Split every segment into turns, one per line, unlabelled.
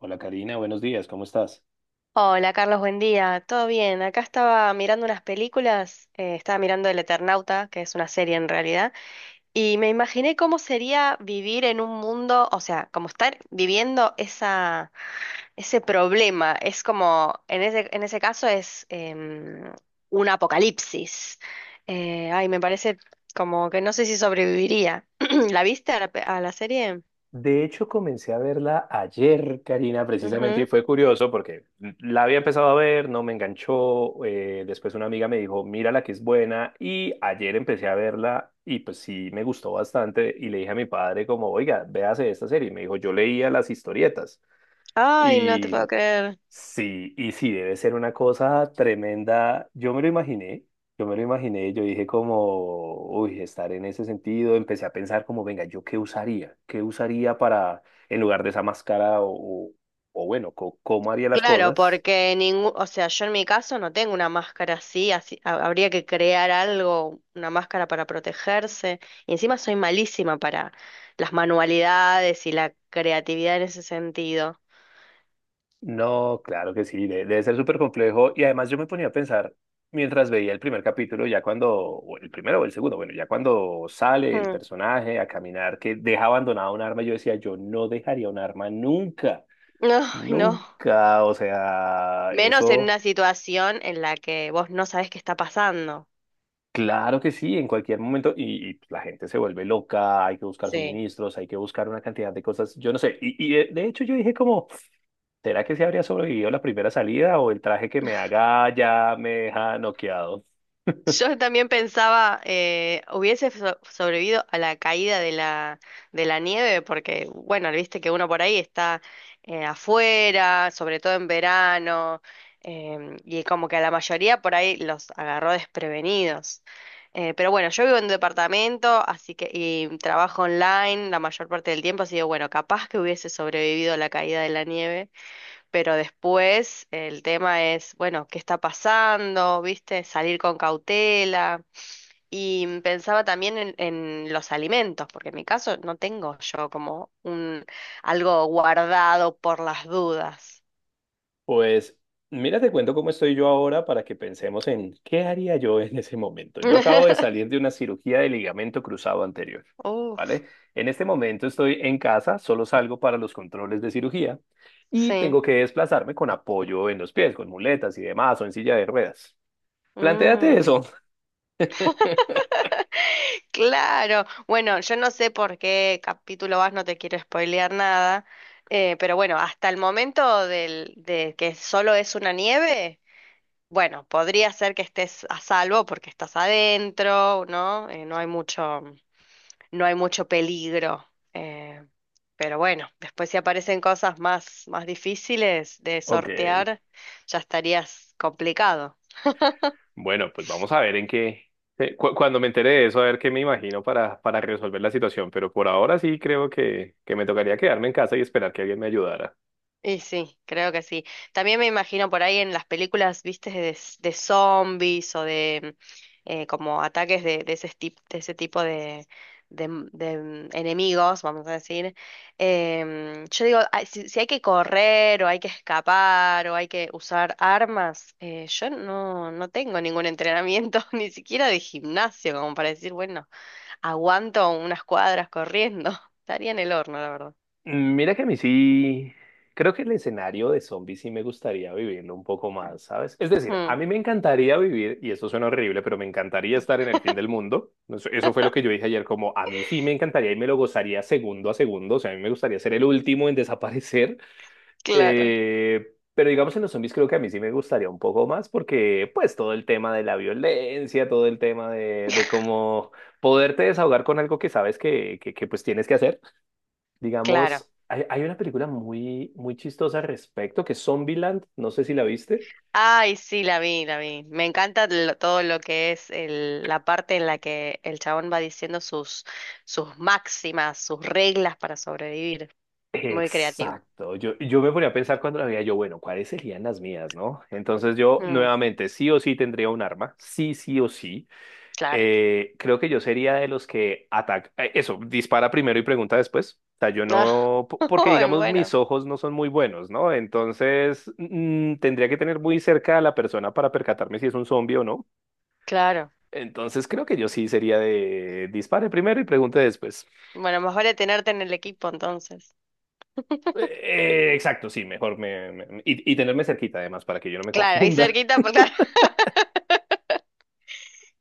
Hola Karina, buenos días, ¿cómo estás?
Hola Carlos, buen día. ¿Todo bien? Acá estaba mirando unas películas, estaba mirando El Eternauta, que es una serie en realidad, y me imaginé cómo sería vivir en un mundo, o sea, como estar viviendo ese problema. Es como, en ese caso es un apocalipsis. Ay, me parece como que no sé si sobreviviría. ¿La viste a la serie?
De hecho, comencé a verla ayer, Karina, precisamente, y
Ujú.
fue curioso porque la había empezado a ver, no me enganchó, después una amiga me dijo, mírala que es buena, y ayer empecé a verla y pues sí, me gustó bastante, y le dije a mi padre como, oiga, véase esta serie, y me dijo, yo leía las historietas.
Ay, no te
y
puedo creer.
Sí, y sí, debe ser una cosa tremenda. Yo me lo imaginé, yo dije como, uy, estar en ese sentido, empecé a pensar como, venga, ¿yo qué usaría? ¿Qué usaría para, en lugar de esa máscara o, o bueno, cómo haría las
Claro,
cosas?
porque ningún, o sea, yo en mi caso no tengo una máscara así, así habría que crear algo, una máscara para protegerse. Y encima soy malísima para las manualidades y la creatividad en ese sentido.
No, claro que sí, debe ser súper complejo. Y además yo me ponía a pensar, mientras veía el primer capítulo, ya cuando, o el primero o el segundo, bueno, ya cuando sale el
Mm,
personaje a caminar, que deja abandonada un arma, yo decía, yo no dejaría un arma nunca.
no, no.
Nunca, o sea,
Menos en
eso,
una situación en la que vos no sabés qué está pasando.
claro que sí, en cualquier momento, y la gente se vuelve loca, hay que buscar
Sí.
suministros, hay que buscar una cantidad de cosas, yo no sé, y de hecho yo dije como, ¿será que se habría sobrevivido la primera salida o el traje que me haga ya me deja noqueado?
Yo también pensaba, hubiese sobrevivido a la caída de la nieve, porque, bueno, viste que uno por ahí está afuera, sobre todo en verano, y como que a la mayoría por ahí los agarró desprevenidos. Pero bueno, yo vivo en un departamento, así que, y trabajo online la mayor parte del tiempo, así que, bueno, capaz que hubiese sobrevivido a la caída de la nieve. Pero después el tema es, bueno, ¿qué está pasando? ¿Viste? Salir con cautela. Y pensaba también en los alimentos, porque en mi caso no tengo yo como un algo guardado por las dudas.
Pues mira, te cuento cómo estoy yo ahora para que pensemos en qué haría yo en ese momento. Yo acabo de salir de una cirugía de ligamento cruzado anterior,
Uf,
¿vale? En este momento estoy en casa, solo salgo para los controles de cirugía y
sí.
tengo que desplazarme con apoyo en los pies, con muletas y demás, o en silla de ruedas. Plantéate
Mm.
eso.
Claro, bueno, yo no sé por qué capítulo vas, no te quiero spoilear nada, pero bueno, hasta el momento de que solo es una nieve, bueno, podría ser que estés a salvo porque estás adentro, ¿no? No hay mucho, peligro. eh, pero bueno, después si aparecen cosas más, más difíciles de
Ok.
sortear, ya estarías complicado.
Bueno, pues vamos a ver en qué, cuando me entere de eso, a ver qué me imagino para resolver la situación, pero por ahora sí creo que me tocaría quedarme en casa y esperar que alguien me ayudara.
Y sí, creo que sí. También me imagino por ahí en las películas, viste, de zombies o de como ataques de ese tipo de enemigos, vamos a decir. Yo digo, ah, si hay que correr o hay que escapar o hay que usar armas, yo no tengo ningún entrenamiento, ni siquiera de gimnasio, como para decir, bueno, aguanto unas cuadras corriendo. Estaría en el horno, la verdad.
Mm, mira que a mí sí, creo que el escenario de zombies sí me gustaría vivirlo un poco más, ¿sabes? Es decir, a
Mm,
mí me encantaría vivir, y eso suena horrible, pero me encantaría estar en el fin del mundo. Eso fue lo que yo dije ayer, como a mí sí me encantaría y me lo gozaría segundo a segundo, o sea, a mí me gustaría ser el último en desaparecer.
claro,
Pero digamos en los zombies creo que a mí sí me gustaría un poco más porque pues todo el tema de la violencia, todo el tema de cómo poderte desahogar con algo que sabes que pues tienes que hacer.
claro.
Digamos, hay una película muy, muy chistosa al respecto que es Zombieland, no sé si la viste.
Ay, sí, la vi, la vi. Me encanta todo lo que es la parte en la que el chabón va diciendo sus, máximas, sus reglas para sobrevivir. Muy creativo.
Exacto, yo me ponía a pensar cuando la veía yo, bueno, ¿cuáles serían las mías, no? Entonces yo
Mm,
nuevamente sí o sí tendría un arma, sí, sí o sí.
claro.
Creo que yo sería de los que ataca, eso, dispara primero y pregunta después. O sea, yo
Ah,
no, porque
ay,
digamos mis
bueno,
ojos no son muy buenos, ¿no? Entonces tendría que tener muy cerca a la persona para percatarme si es un zombie o no.
claro.
Entonces creo que yo sí sería de dispare primero y pregunte después.
Bueno, más vale tenerte en el equipo entonces.
Eh, exacto, sí, mejor y tenerme cerquita además para que yo no me
Claro, y
confunda.
cerquita, pues claro.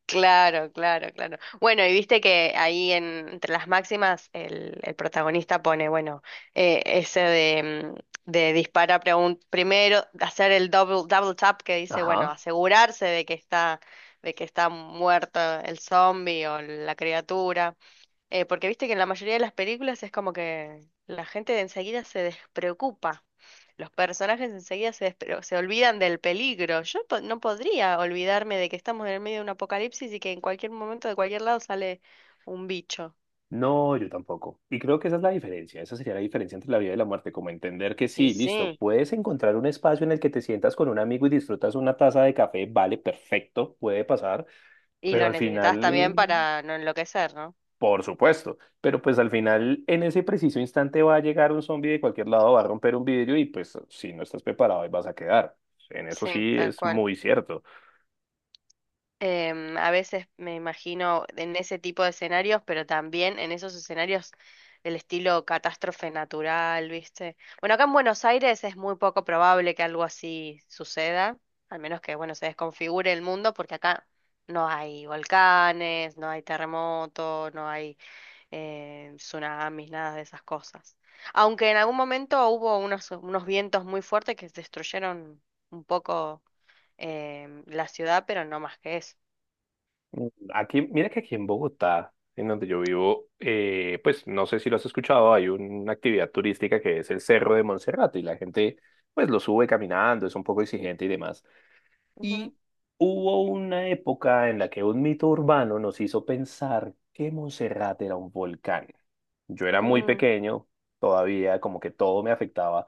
Claro, claro, claro. Bueno, y viste que ahí entre las máximas el protagonista pone, bueno, ese de dispara primero, hacer el double tap que dice, bueno,
Ajá.
asegurarse de que está muerto el zombie o la criatura. Porque viste que en la mayoría de las películas es como que la gente de enseguida se despreocupa. Los personajes enseguida se olvidan del peligro. Yo no podría olvidarme de que estamos en el medio de un apocalipsis y que en cualquier momento de cualquier lado sale un bicho.
No, yo tampoco. Y creo que esa es la diferencia, esa sería la diferencia entre la vida y la muerte, como entender que
Y
sí, listo,
sí,
puedes encontrar un espacio en el que te sientas con un amigo y disfrutas una taza de café, vale, perfecto, puede pasar,
y
pero
lo
al
necesitas también
final,
para no enloquecer, ¿no?
por supuesto, pero pues al final en ese preciso instante va a llegar un zombie de cualquier lado, va a romper un vidrio y pues si no estás preparado ahí vas a quedar. En eso
Sí,
sí
tal
es
cual.
muy cierto.
A veces me imagino en ese tipo de escenarios, pero también en esos escenarios del estilo catástrofe natural, ¿viste? Bueno, acá en Buenos Aires es muy poco probable que algo así suceda, al menos que, bueno, se desconfigure el mundo, porque acá no hay volcanes, no hay terremotos, no hay tsunamis, nada de esas cosas. Aunque en algún momento hubo unos vientos muy fuertes que destruyeron un poco la ciudad, pero no más que eso.
Mm, aquí, mira que aquí en Bogotá, en donde yo vivo, pues no sé si lo has escuchado, hay una actividad turística que es el Cerro de Monserrate y la gente pues lo sube caminando, es un poco exigente y demás.
Ujú.
Y hubo una época en la que un mito urbano nos hizo pensar que Monserrate era un volcán. Yo era muy
Mm.
pequeño, todavía como que todo me afectaba,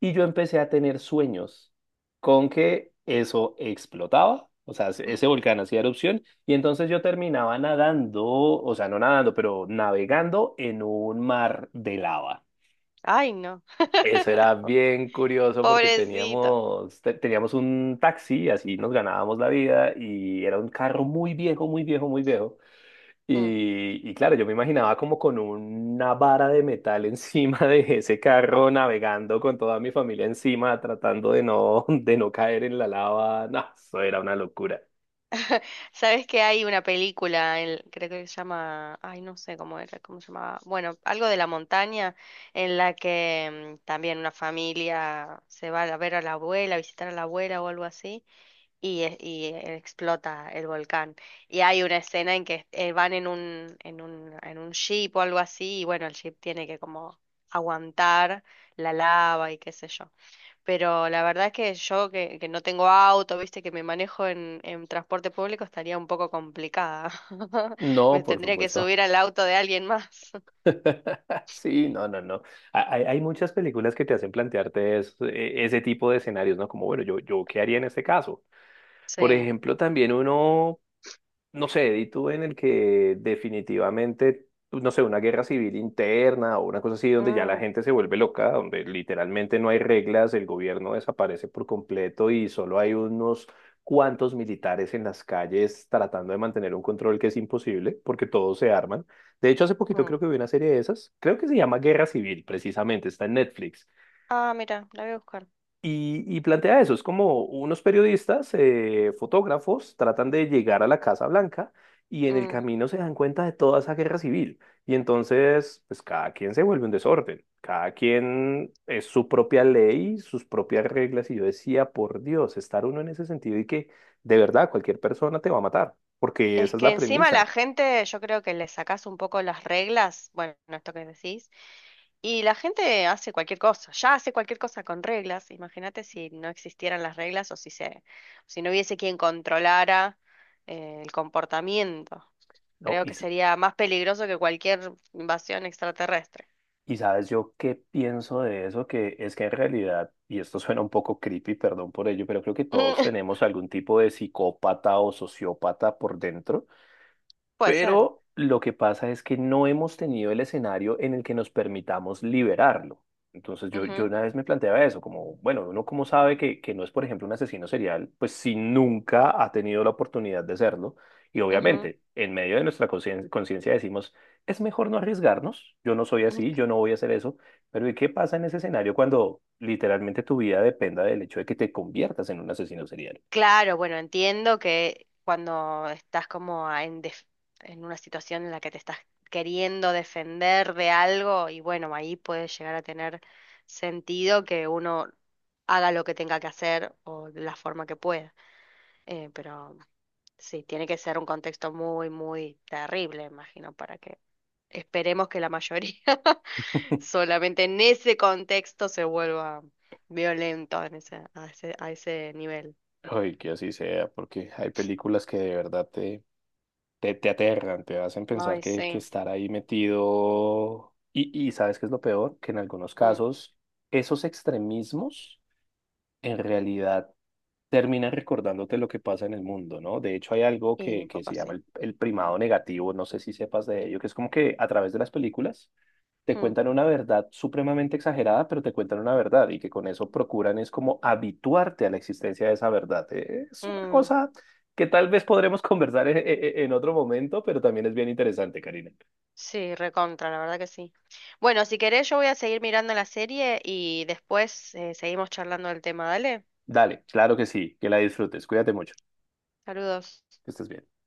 y yo empecé a tener sueños con que eso explotaba, o sea, ese volcán hacía erupción, y entonces yo terminaba nadando, o sea, no nadando, pero navegando en un mar de lava.
Ay, no.
Eso era bien curioso porque
Pobrecito.
teníamos un taxi, así nos ganábamos la vida y era un carro muy viejo, muy viejo, muy viejo.
Mm.
Y claro, yo me imaginaba como con una vara de metal encima de ese carro navegando con toda mi familia encima, tratando de de no caer en la lava. No, eso era una locura.
Sabes que hay una película, creo que se llama, ay, no sé cómo era, cómo se llamaba, bueno, algo de la montaña, en la que también una familia se va a ver a la abuela, a visitar a la abuela o algo así, y explota el volcán. Y hay una escena en que van en un jeep o algo así, y bueno, el jeep tiene que como aguantar la lava y qué sé yo. Pero la verdad es que yo que no tengo auto, viste, que me manejo en transporte público, estaría un poco complicada.
No,
Me
por
tendría que
supuesto.
subir al auto de alguien más.
Sí, no, no, no. Hay muchas películas que te hacen plantearte ese tipo de escenarios, ¿no? Como, bueno, yo, ¿qué haría en este caso? Por
Sí.
ejemplo, también uno, no sé, di tú en el que definitivamente, pues, no sé, una guerra civil interna o una cosa así, donde ya la
Mm,
gente se vuelve loca, donde literalmente no hay reglas, el gobierno desaparece por completo y solo hay unos cuantos militares en las calles tratando de mantener un control que es imposible porque todos se arman. De hecho, hace poquito
mm.
creo que vi una serie de esas, creo que se llama Guerra Civil, precisamente, está en Netflix.
Ah, mira, la voy a buscar.
Y plantea eso, es como unos periodistas, fotógrafos, tratan de llegar a la Casa Blanca y en el
Mm.
camino se dan cuenta de toda esa guerra civil. Y entonces, pues cada quien se vuelve un desorden, cada quien es su propia ley, sus propias reglas. Y yo decía, por Dios, estar uno en ese sentido y que de verdad cualquier persona te va a matar, porque
Es
esa es
que
la
encima la
premisa,
gente, yo creo que le sacás un poco las reglas, bueno, esto que decís, y la gente hace cualquier cosa, ya hace cualquier cosa con reglas. Imagínate si no existieran las reglas o si no hubiese quien controlara el comportamiento.
¿no?
Creo
Y
que sería más peligroso que cualquier invasión extraterrestre.
Y sabes yo qué pienso de eso, que es que en realidad, y esto suena un poco creepy, perdón por ello, pero creo que todos tenemos algún tipo de psicópata o sociópata por dentro,
Puede ser.
pero lo que pasa es que no hemos tenido el escenario en el que nos permitamos liberarlo. Entonces yo
Ujú,
una vez me planteaba eso, como, bueno, uno cómo sabe que no es, por ejemplo, un asesino serial, pues si nunca ha tenido la oportunidad de serlo. Y
ujú.
obviamente, en medio de nuestra conciencia decimos, es mejor no arriesgarnos, yo no soy así, yo no voy a hacer eso, pero ¿y qué pasa en ese escenario cuando literalmente tu vida dependa del hecho de que te conviertas en un asesino serial?
Claro, bueno, entiendo que cuando estás como en una situación en la que te estás queriendo defender de algo, y bueno, ahí puede llegar a tener sentido que uno haga lo que tenga que hacer o de la forma que pueda. Pero sí, tiene que ser un contexto muy, muy terrible, imagino, para que esperemos que la mayoría solamente en ese contexto se vuelva violento en ese, a ese, a ese nivel.
Ay, que así sea, porque hay películas que de verdad te aterran, te hacen pensar
Ay,
que
sí.
estar ahí metido. Y ¿sabes qué es lo peor? Que en algunos
Mm.
casos esos extremismos en realidad terminan recordándote lo que pasa en el mundo, ¿no? De hecho, hay algo
Y un
que
poco
se llama
así.
el primado negativo, no sé si sepas de ello, que es como que a través de las películas te
Mm,
cuentan una verdad supremamente exagerada, pero te cuentan una verdad y que con eso procuran es como habituarte a la existencia de esa verdad. Es una
mm.
cosa que tal vez podremos conversar en otro momento, pero también es bien interesante, Karina.
Sí, recontra, la verdad que sí. Bueno, si querés, yo voy a seguir mirando la serie y después seguimos charlando del tema, ¿dale?
Dale, claro que sí, que la disfrutes. Cuídate mucho,
Saludos.
que estés bien.